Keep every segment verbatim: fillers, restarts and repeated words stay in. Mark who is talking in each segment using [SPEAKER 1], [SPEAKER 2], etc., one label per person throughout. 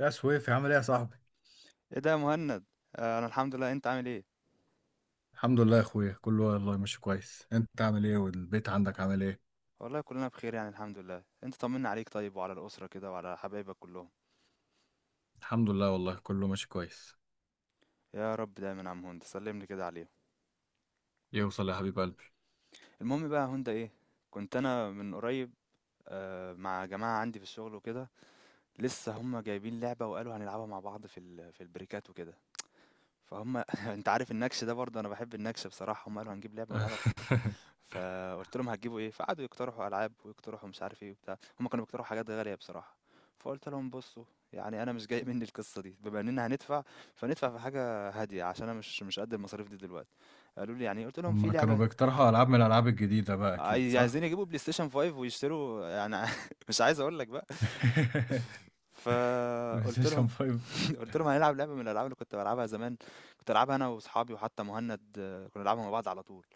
[SPEAKER 1] يا سويفي عامل ايه يا صاحبي؟
[SPEAKER 2] ايه ده يا مهند؟ آه، انا الحمد لله، انت عامل ايه؟
[SPEAKER 1] الحمد لله يا اخويا، كله والله ماشي كويس. انت عامل ايه والبيت عندك عامل ايه؟
[SPEAKER 2] والله كلنا بخير، يعني الحمد لله. انت طمنا عليك، طيب وعلى الاسره كده وعلى حبايبك كلهم.
[SPEAKER 1] الحمد لله والله كله ماشي كويس.
[SPEAKER 2] يا رب دايما يا عم هند، سلملي كده عليهم.
[SPEAKER 1] يوصل يا حبيب قلبي.
[SPEAKER 2] المهم بقى يا هند، ايه، كنت انا من قريب آه، مع جماعه عندي في الشغل وكده. لسه هم جايبين لعبه وقالوا هنلعبها مع بعض في ال- في البريكات وكده. فهم انت عارف النكش ده، برضه انا بحب النكش بصراحه. هم قالوا هنجيب لعبه ونلعبها. فقلت لهم هتجيبوا ايه؟ فقعدوا يقترحوا العاب ويقترحوا مش عارف ايه وبتاع. هم كانوا بيقترحوا حاجات غاليه بصراحه. فقلت لهم بصوا، يعني انا مش جاي مني القصه دي. بما اننا هندفع، فندفع في حاجه هاديه، عشان انا مش مش قد المصاريف دي دلوقتي. قالوا لي يعني إيه؟ قلت لهم في
[SPEAKER 1] هما كانوا
[SPEAKER 2] لعبه.
[SPEAKER 1] بيقترحوا العاب من الالعاب الجديده بقى، اكيد
[SPEAKER 2] عايز-
[SPEAKER 1] صح.
[SPEAKER 2] عايزين يجيبوا بلاي ستيشن خمسة ويشتروا يعني، مش عايز اقول لك بقى.
[SPEAKER 1] بلاي
[SPEAKER 2] فقلت
[SPEAKER 1] ستيشن
[SPEAKER 2] لهم
[SPEAKER 1] خمسة.
[SPEAKER 2] قلت لهم هنلعب لعبه من الالعاب اللي كنت بلعبها زمان. كنت العبها انا واصحابي، وحتى مهند آه، كنا نلعبها مع بعض على طول.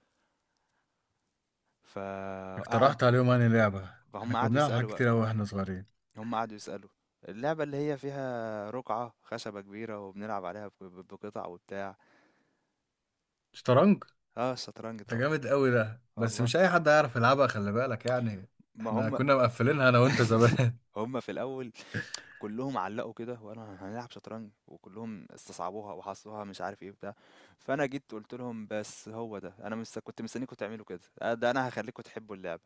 [SPEAKER 2] فقعد.
[SPEAKER 1] اقترحت عليهم انهي لعبه؟ احنا
[SPEAKER 2] فهم
[SPEAKER 1] كنا
[SPEAKER 2] قعدوا
[SPEAKER 1] بنلعب حاجات
[SPEAKER 2] يسالوا.
[SPEAKER 1] كتير قوي واحنا صغيرين.
[SPEAKER 2] هم قعدوا يسألوا، اللعبة اللي هي فيها رقعة خشبة كبيرة وبنلعب عليها بق- بقطع وبتاع.
[SPEAKER 1] شطرنج.
[SPEAKER 2] اه، الشطرنج
[SPEAKER 1] ده
[SPEAKER 2] طبعا.
[SPEAKER 1] جامد قوي ده، بس
[SPEAKER 2] والله
[SPEAKER 1] مش اي حد هيعرف يلعبها، خلي بالك يعني.
[SPEAKER 2] ما
[SPEAKER 1] احنا
[SPEAKER 2] هم
[SPEAKER 1] كنا مقفلينها انا وانت زمان.
[SPEAKER 2] هم في الأول كلهم علقوا كده وقالوا هنلعب شطرنج، وكلهم استصعبوها وحصوها مش عارف ايه بتاع. فأنا جيت قلت لهم بس هو ده، أنا مش كنت مستنيكم تعملوا كده. آه، ده أنا هخليكم تحبوا اللعبة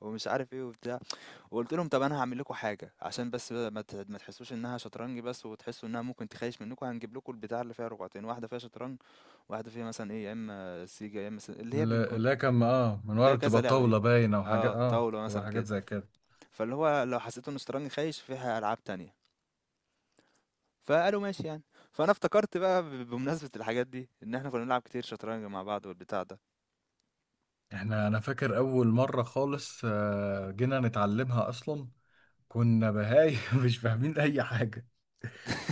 [SPEAKER 2] ومش عارف ايه وبتاع. وقلت لهم طب انا هعمل لكم حاجه عشان بس ما ت- ما تحسوش انها شطرنج بس، وتحسوا انها ممكن تخيش منكم، هنجيب لكم البتاع اللي فيها رقعتين، واحده فيها شطرنج، واحده فيها مثلا ايه، يا اما سيجا، يا اما س- اللي هي
[SPEAKER 1] لا
[SPEAKER 2] بيكون
[SPEAKER 1] لا كان اه من ورا
[SPEAKER 2] فيها كذا
[SPEAKER 1] بتبقى
[SPEAKER 2] لعبه دي.
[SPEAKER 1] طاولة باينة، وحاجات
[SPEAKER 2] اه،
[SPEAKER 1] اه
[SPEAKER 2] طاوله
[SPEAKER 1] بتبقى
[SPEAKER 2] مثلا
[SPEAKER 1] حاجات
[SPEAKER 2] كده.
[SPEAKER 1] زي كده.
[SPEAKER 2] فاللي هو لو حسيتوا ان الشطرنج خايش، فيها العاب تانية. فقالوا ماشي يعني. فانا افتكرت بقى ب- بمناسبه الحاجات دي، ان احنا كنا بنلعب كتير شطرنج مع بعض والبتاع ده.
[SPEAKER 1] احنا انا فاكر اول مرة خالص، آه، جينا نتعلمها اصلا. كنا بهاي مش فاهمين اي حاجة.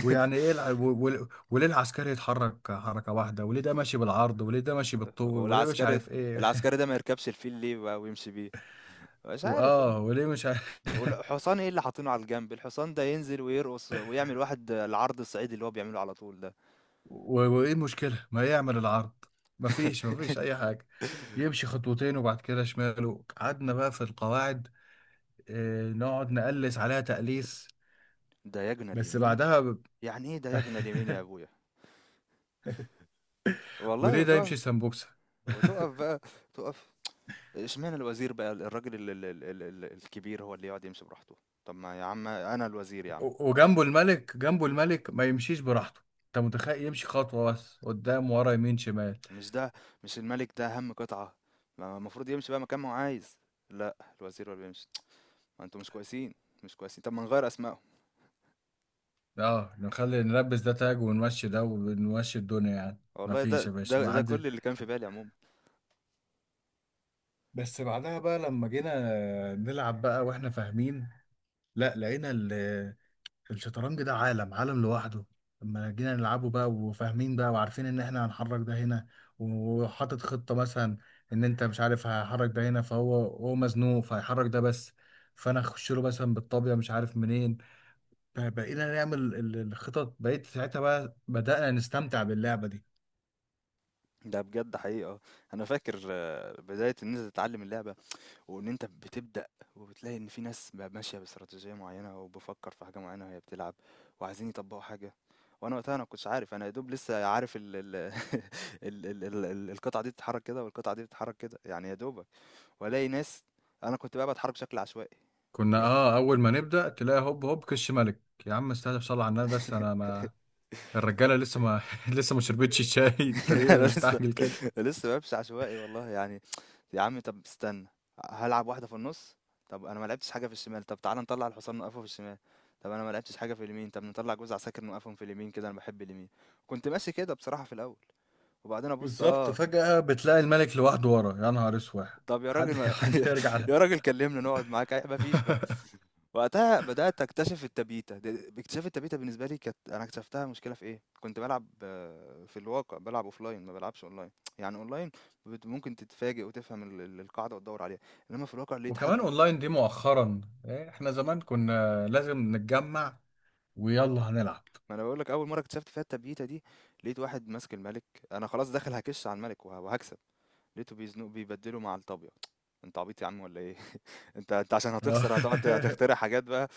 [SPEAKER 1] ويعني ايه الع... و... و... وليه العسكري يتحرك حركة واحدة، وليه ده ماشي بالعرض، وليه ده ماشي بالطول، وليه مش
[SPEAKER 2] والعسكري،
[SPEAKER 1] عارف ايه؟
[SPEAKER 2] العسكري ده ما يركبش الفيل ليه بقى ويمشي بيه؟ مش عارف والله.
[SPEAKER 1] واه وليه مش عارف.
[SPEAKER 2] والحصان، ايه اللي حاطينه على الجنب؟ الحصان ده ينزل ويرقص ويعمل واحد العرض الصعيدي اللي هو بيعمله على طول ده.
[SPEAKER 1] و... وايه المشكلة ما يعمل العرض؟ مفيش مفيش اي حاجة. يمشي خطوتين وبعد كده شماله. قعدنا بقى في القواعد، آه، نقعد نقلس عليها تقليس.
[SPEAKER 2] دايجنا
[SPEAKER 1] بس
[SPEAKER 2] اليمين.
[SPEAKER 1] بعدها ب...
[SPEAKER 2] يعني ايه دايجنا اليمين يا ابويا؟ والله.
[SPEAKER 1] وليه ده يمشي
[SPEAKER 2] وتقف،
[SPEAKER 1] سمبوكسة؟
[SPEAKER 2] وتقف بقى، تقف. اشمعنى الوزير بقى، الراجل ال ال ال ال ال الكبير هو اللي يقعد يمشي براحته؟ طب ما يا عم انا الوزير يا عم.
[SPEAKER 1] و- وجنبه الملك، جنبه الملك ما يمشيش براحته؟ انت متخيل يمشي خطوة بس قدام ورا يمين شمال؟
[SPEAKER 2] مش ده، مش الملك ده اهم قطعة؟ ما المفروض يمشي بقى مكان ما هو عايز. لا، الوزير هو اللي بيمشي. ما انتوا مش كويسين. مش كويسين، طب ما نغير اسمائهم.
[SPEAKER 1] اه نخلي نلبس ده تاج ونمشي ده، ونمشي الدنيا يعني. ما
[SPEAKER 2] والله، ده
[SPEAKER 1] فيش يا
[SPEAKER 2] ده
[SPEAKER 1] باشا ما
[SPEAKER 2] ده
[SPEAKER 1] عندي.
[SPEAKER 2] كل اللي كان في بالي عموما.
[SPEAKER 1] بس بعدها بقى لما جينا نلعب بقى واحنا فاهمين، لا لقينا الشطرنج ده عالم، عالم لوحده. لما جينا نلعبه بقى وفاهمين بقى، وعارفين ان احنا هنحرك ده هنا، وحاطط خطة مثلا ان انت مش عارف هحرك ده هنا، فهو هو مزنوق فهيحرك ده بس، فانا اخش له مثلا بالطابية مش عارف منين. ب- بقينا نعمل ال- الخطط، بقيت ساعتها بقى بدأنا نستمتع باللعبة دي.
[SPEAKER 2] ده بجد حقيقة. أنا فاكر آه، بداية إن أنت تتعلم اللعبة، وإن أنت بتبدأ، وبتلاقي إن في ناس بقى ماشية باستراتيجية معينة، وبفكر في حاجة معينة وهي بتلعب، وعايزين يطبقوا حاجة. وأنا وقتها، أنا مكنتش عارف. أنا يا دوب لسه عارف ال ال ال ال ال ال القطعة دي بتتحرك كده، والقطعة دي بتتحرك كده، يعني يا دوبك. وألاقي ناس. أنا كنت بقى بتحرك بشكل عشوائي.
[SPEAKER 1] كنا اه اول ما نبدا تلاقي هوب هوب كش ملك. يا عم استهدف صلى على النبي، بس انا ما... الرجاله لسه
[SPEAKER 2] yeah.
[SPEAKER 1] ما لسه ما شربتش الشاي. انت ليه
[SPEAKER 2] أنا لسه
[SPEAKER 1] مستعجل كده؟
[SPEAKER 2] لسه بامشي عشوائي والله يعني. يا عم طب استنى، هالعب واحدة في النص. طب أنا ما لعبتش حاجة في الشمال، طب تعالى نطلع الحصان نوقفه في الشمال. طب أنا ما لعبتش حاجة في اليمين، طب نطلع جوز عساكر نوقفهم في اليمين، كده أنا بحب اليمين. كنت ماشي كده بصراحة في الأول. وبعدين أبص
[SPEAKER 1] بالظبط،
[SPEAKER 2] آه
[SPEAKER 1] فجأة بتلاقي الملك لوحده ورا، يا نهار اسود.
[SPEAKER 2] طب يا راجل
[SPEAKER 1] حد
[SPEAKER 2] ما
[SPEAKER 1] حد يرجع له.
[SPEAKER 2] يا راجل كلمنا نقعد معاك ما فيش بقى. وقتها بدأت أكتشف التبيتة، د باكتشاف التبيتة بالنسبة لي كانت، أنا اكتشفتها مشكلة في إيه، كنت بالعب في الواقع، بالعب offline ما بالعبش online. يعني online بت ممكن تتفاجئ وتفهم ال ال القاعدة وتدوّر عليها، إنما في الواقع لقيت
[SPEAKER 1] وكمان
[SPEAKER 2] حد.
[SPEAKER 1] اونلاين دي مؤخرا إيه، احنا زمان كنا لازم نتجمع ويلا هنلعب.
[SPEAKER 2] ما أنا باقول لك، أول مرّة اكتشفت فيها التبييتة دي، لقيت واحد ماسك المَلِك، أنا خلاص داخل هاكِش على المَلِك وه وهاكسب، لقيته بيزنقه، بيبدّله مع الطابية. أنت عبيط يا عم والّا إيه؟ أنت أنت عشان
[SPEAKER 1] آه.
[SPEAKER 2] هتخسر، هتقعد ت هتخترع حاجات بقى.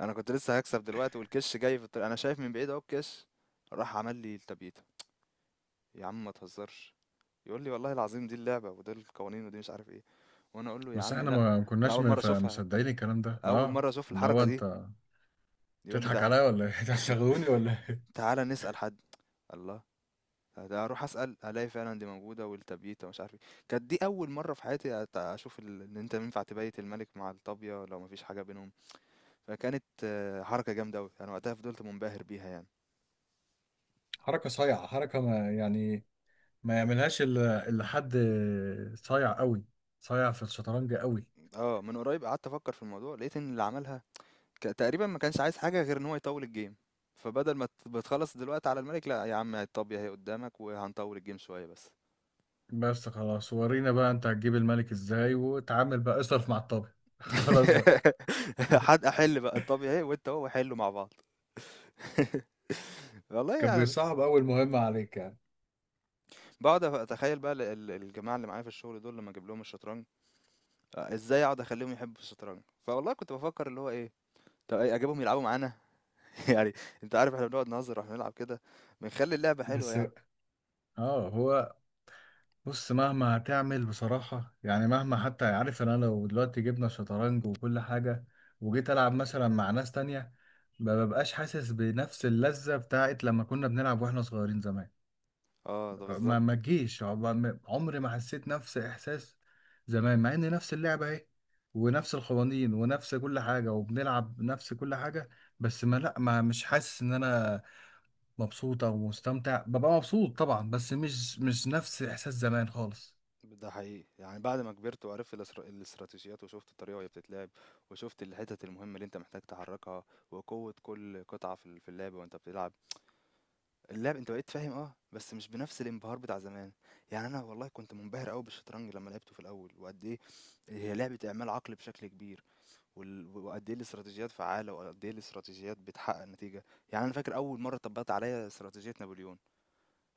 [SPEAKER 2] أنا كنت لسه هاكسب دلوقتي، والكِش جاي في الط أنا شايف من بعيد أهو الكِش، راح عمل لي التبييتة. يا عم ما تهزرش، يقول لي والله العظيم دي اللعبة ودول القوانين ودي مش عارف إيه، وأنا أقول له يا
[SPEAKER 1] بس
[SPEAKER 2] عم
[SPEAKER 1] احنا
[SPEAKER 2] لأ.
[SPEAKER 1] ما ما
[SPEAKER 2] أنا
[SPEAKER 1] كناش
[SPEAKER 2] أول مرّة
[SPEAKER 1] مف-
[SPEAKER 2] أشوفها،
[SPEAKER 1] مصدقين الكلام ده
[SPEAKER 2] أول
[SPEAKER 1] اه.
[SPEAKER 2] مرّة أشوف
[SPEAKER 1] اللي
[SPEAKER 2] الحركة
[SPEAKER 1] هو
[SPEAKER 2] دي.
[SPEAKER 1] انت
[SPEAKER 2] يقول لي
[SPEAKER 1] بتضحك
[SPEAKER 2] تع
[SPEAKER 1] عليا ولا ايه؟ إنت هتشغلوني ولا إيه؟
[SPEAKER 2] تعالَ نسأل حد. الله! ده اروح اسال الاقي فعلا دي موجوده، والتبييته ومش عارف ايه. كانت دي اول مره في حياتي أت- اشوف ال- ان انت ينفع تبيت الملك مع الطابيه لو مفيش حاجه بينهم. فكانت آه، حركه جامده قوي، انا وقتها فضلت منبهر بيها يعني.
[SPEAKER 1] حركة صايعة، حركة ما يعني، ما يعملهاش الا إلا حد صايع قوي، صايع في الشطرنج قوي.
[SPEAKER 2] اه، من قريب قعدت افكر في الموضوع، لقيت ان اللي عملها ك- تقريبا ما كانش عايز حاجه غير ان هو يطول الجيم. فبدل ما ت- بتخلص دلوقتي على الملك، لا يا عم، الطابيه هي قدامك، وهنطول الجيم شويه بس.
[SPEAKER 1] بس خلاص، ورينا بقى انت هتجيب الملك ازاي، وتعامل بقى اصرف مع الطابع. خلاص بقى.
[SPEAKER 2] حد احل بقى الطابيه اهي، وانت هو حلوا مع بعض. والله
[SPEAKER 1] كان
[SPEAKER 2] يعني.
[SPEAKER 1] بيصعب اول مهمة عليك يعني.
[SPEAKER 2] باقعد أف أتخيّل بقى ال ال الجماعة اللي معايا في الشغل دول، لمّا أجيب لهم الشطرنج، أ إزاي أقعد أخلّيهم يحبّوا الشطرنج؟ فوالله كنت بافكّر اللي هو إيه، طب أ أجيبهم يلعبوا معانا؟ يعني، أنت عارف إحنا بنقعد نهزّر وإحنا بنلعب كده، بنخلّي اللعبة حلوة
[SPEAKER 1] بس
[SPEAKER 2] يعني.
[SPEAKER 1] بقى. اه هو، بص مهما هتعمل بصراحة يعني، مهما حتى، عارف ان انا لو دلوقتي جبنا شطرنج وكل حاجة، وجيت العب مثلا مع ناس تانية، ما ببقاش حاسس بنفس اللذة بتاعت لما كنا بنلعب واحنا صغيرين زمان.
[SPEAKER 2] آه، ده بالضبط.
[SPEAKER 1] ما ما تجيش عم- ما- عمري ما حسيت نفس احساس زمان، مع ان نفس اللعبه اهي، ونفس القوانين، ونفس كل حاجه، وبنلعب نفس كل حاجه. بس ما لا ما مش حاسس ان انا مبسوط او مستمتع، ببقى مبسوط طبعا، بس مش مش نفس احساس زمان خالص.
[SPEAKER 2] ده حقيقي، يعني بعد ما كبرت، وعرفت الاستر الاستراتيجيات، وشُفت الطريقة وهي بتتلعب، وشُفت الحتت المهمة اللي أنت محتاج تحرّكها، وقوة كل قطعة في ال في اللعبة وأنت بتلعب. اللعب انت بقيت فاهم اه بس مش بنفس الانبهار بتاع زمان. يعني انا والله كنت منبهر قوي بالشطرنج لما لعبته في الاول، وقد ايه هي لعبة اعمال عقل بشكل كبير. وال- وقد ايه الاستراتيجيات فعالة، وقد ايه الاستراتيجيات بتحقق نتيجة. يعني انا فاكر اول مرة طبقت عليا استراتيجية نابليون.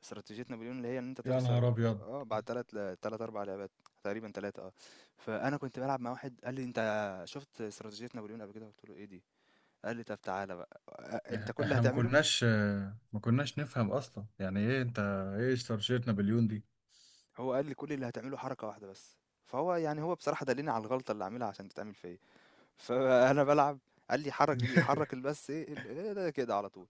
[SPEAKER 2] استراتيجية نابليون اللي هي ان انت
[SPEAKER 1] يا نهار
[SPEAKER 2] تخسر
[SPEAKER 1] ابيض.
[SPEAKER 2] اه بعد تلات ل- تلات اربع لعبات، تقريبا تلاتة اه فانا كنت بلعب مع واحد، قال لي انت شفت استراتيجية نابليون قبل كده؟ قلت له ايه دي؟ قال لي طب تعالى بقى، آه، انت
[SPEAKER 1] إح-
[SPEAKER 2] كل اللي
[SPEAKER 1] احنا ما
[SPEAKER 2] هتعمله،
[SPEAKER 1] كناش آه، ما كناش نفهم اصلا يعني ايه. انت ايه اشترشيت نابليون دي؟
[SPEAKER 2] هو قال لي كل اللي هتعمله حركة واحدة بس. فهو يعني، هو بصراحة دلني على الغلطة اللي عاملها عشان تتعمل فيا. فأنا بلعب، قال لي حرك دي، حرك بس ايه ال- إيه ده كده على طول؟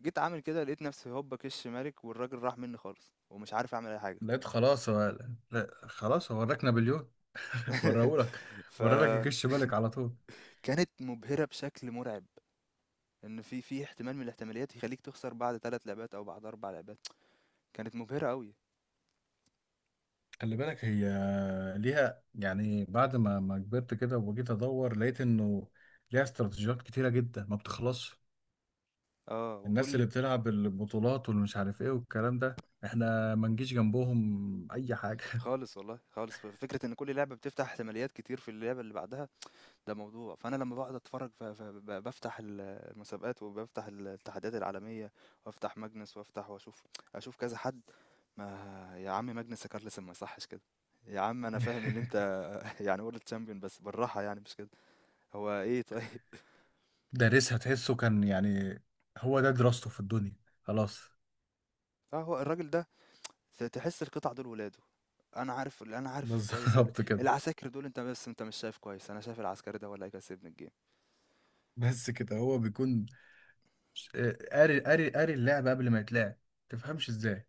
[SPEAKER 2] جيت عامل كده، لقيت نفسي هوبا كش مالك، والراجل راح مني خالص ومش عارف اعمل اي حاجة.
[SPEAKER 1] لقيت خلاص هو، لا خلاص هو وراك نابليون. وراهولك، ورالك الجيش، بالك على طول.
[SPEAKER 2] فكانت مبهرة بشكل مرعب، ان في في احتمال من الاحتماليات يخليك تخسر بعد ثلاث لعبات او بعد اربع لعبات. كانت مبهرة قوي.
[SPEAKER 1] خلي بالك هي، ليها يعني، بعد ما ما كبرت كده وجيت ادور، لقيت انه ليها استراتيجيات كتيره جدا ما بتخلصش.
[SPEAKER 2] اه
[SPEAKER 1] الناس
[SPEAKER 2] وكل،
[SPEAKER 1] اللي بتلعب البطولات والمش عارف ايه والكلام ده، احنا ما نجيش جنبهم اي حاجه.
[SPEAKER 2] خالص والله، خالص فكرة ان كل لعبة بتفتح احتماليات كتير في اللعبة اللي بعدها. ده موضوع. فانا لما بقعد اتفرج، ف- ف- ب- بفتح ال- المسابقات، وبفتح الاتحادات العالميه، وافتح ماجنس، وافتح واشوف، اشوف كذا حد. ما يا عم ماجنس كارلسن ما يصحش كده. يا عم انا فاهم ان انت يعني وورلد تشامبيون بس بالراحه يعني، مش كده. هو ايه طيب؟
[SPEAKER 1] دارسها، تحسه كان يعني هو ده دراسته في الدنيا. خلاص.
[SPEAKER 2] اه، هو الراجل ده ت- تحس القطع دول ولاده. انا عارف انا عارف كويس ال-
[SPEAKER 1] بالظبط كده.
[SPEAKER 2] العساكر دول. انت بس انت مش شايف كويس، انا شايف العسكري ده ولا هيكسبني الجيم.
[SPEAKER 1] بس كده هو بيكون ش- آه، قاري، قاري قاري اللعبه قبل ما يتلعب. تفهمش ازاي؟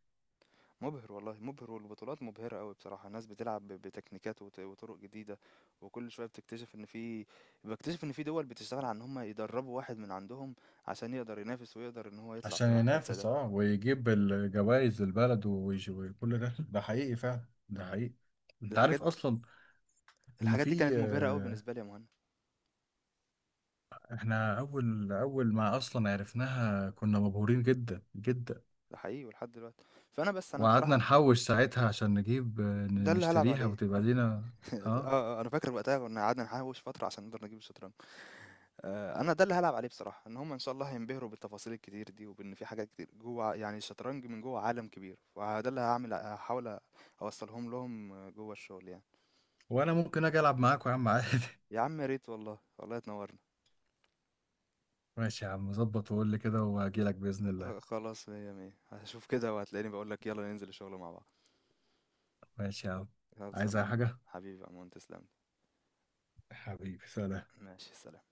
[SPEAKER 2] مُبهِر والله، مُبهِر. والبطولات مُبهِرة أوي بصراحة، الناس بتلعب ب بتكنيكات وط وطُرُق جديدة. وكل شوية بتكتشف إن في، باكتشف إن في دول بتشتغل على إن هم يدرّبوا واحد من عندهم، عشان يقدر ينافس، ويقدر إن هو يطلع في
[SPEAKER 1] عشان
[SPEAKER 2] محفل زي
[SPEAKER 1] ينافس
[SPEAKER 2] ده.
[SPEAKER 1] اه، ويجيب الجوائز للبلد، ويج- وكل ده، ده حقيقي فعلا، ده حقيقي. انت عارف
[SPEAKER 2] الحاجات
[SPEAKER 1] اصلا ان
[SPEAKER 2] الحاجات دي
[SPEAKER 1] في،
[SPEAKER 2] كانت مُبهِرة أوي
[SPEAKER 1] آه،
[SPEAKER 2] بالنسبة لي يا مهند.
[SPEAKER 1] احنا اول اول ما اصلا عرفناها كنا مبهورين جدا جدا.
[SPEAKER 2] ده حقيقي ولحد دلوقتي. فأنا بس أنا
[SPEAKER 1] وقعدنا
[SPEAKER 2] بصراحة،
[SPEAKER 1] نحوش ساعتها عشان نجيب، آه،
[SPEAKER 2] ده
[SPEAKER 1] ن-
[SPEAKER 2] اللي هالعب
[SPEAKER 1] نشتريها
[SPEAKER 2] عليه.
[SPEAKER 1] وتبقى لينا
[SPEAKER 2] آه،
[SPEAKER 1] اه.
[SPEAKER 2] آه، أنا فاكر وقتها كنا قعدنا نحوِّش فترة عشان نقدر نجيب الشطرنج. آآ، أنا ده اللي هالعب عليه بصراحة، إن هُم إن شاء الله هينبهروا بالتفاصيل الكتير دي، وبإن في حاجات كتير جوّه، يعني الشطرنج من جوّه عالم كبير، فده اللي هاعمل، هاحاول أوصّلهم لهم جوّه الشغل يعني.
[SPEAKER 1] وانا ممكن اجي العب معاكوا يا عم عادي.
[SPEAKER 2] يا عم يا ريت والله، والله تنوّرنا.
[SPEAKER 1] ماشي يا عم، ظبط وقول لي كده وهجيلك باذن الله.
[SPEAKER 2] آآ، خلاص، مِيّة مِيّة. هاشوف كده وهتلاقيني باقول لك يالّا ننزل الشغل مع بعض.
[SPEAKER 1] ماشي يا عم. عايز
[SPEAKER 2] خلصانة يا
[SPEAKER 1] اي
[SPEAKER 2] عمور،
[SPEAKER 1] حاجه؟
[SPEAKER 2] حبيبي يا عمور تسلم لي.
[SPEAKER 1] حبيبي سلام.
[SPEAKER 2] ماشي، سلام.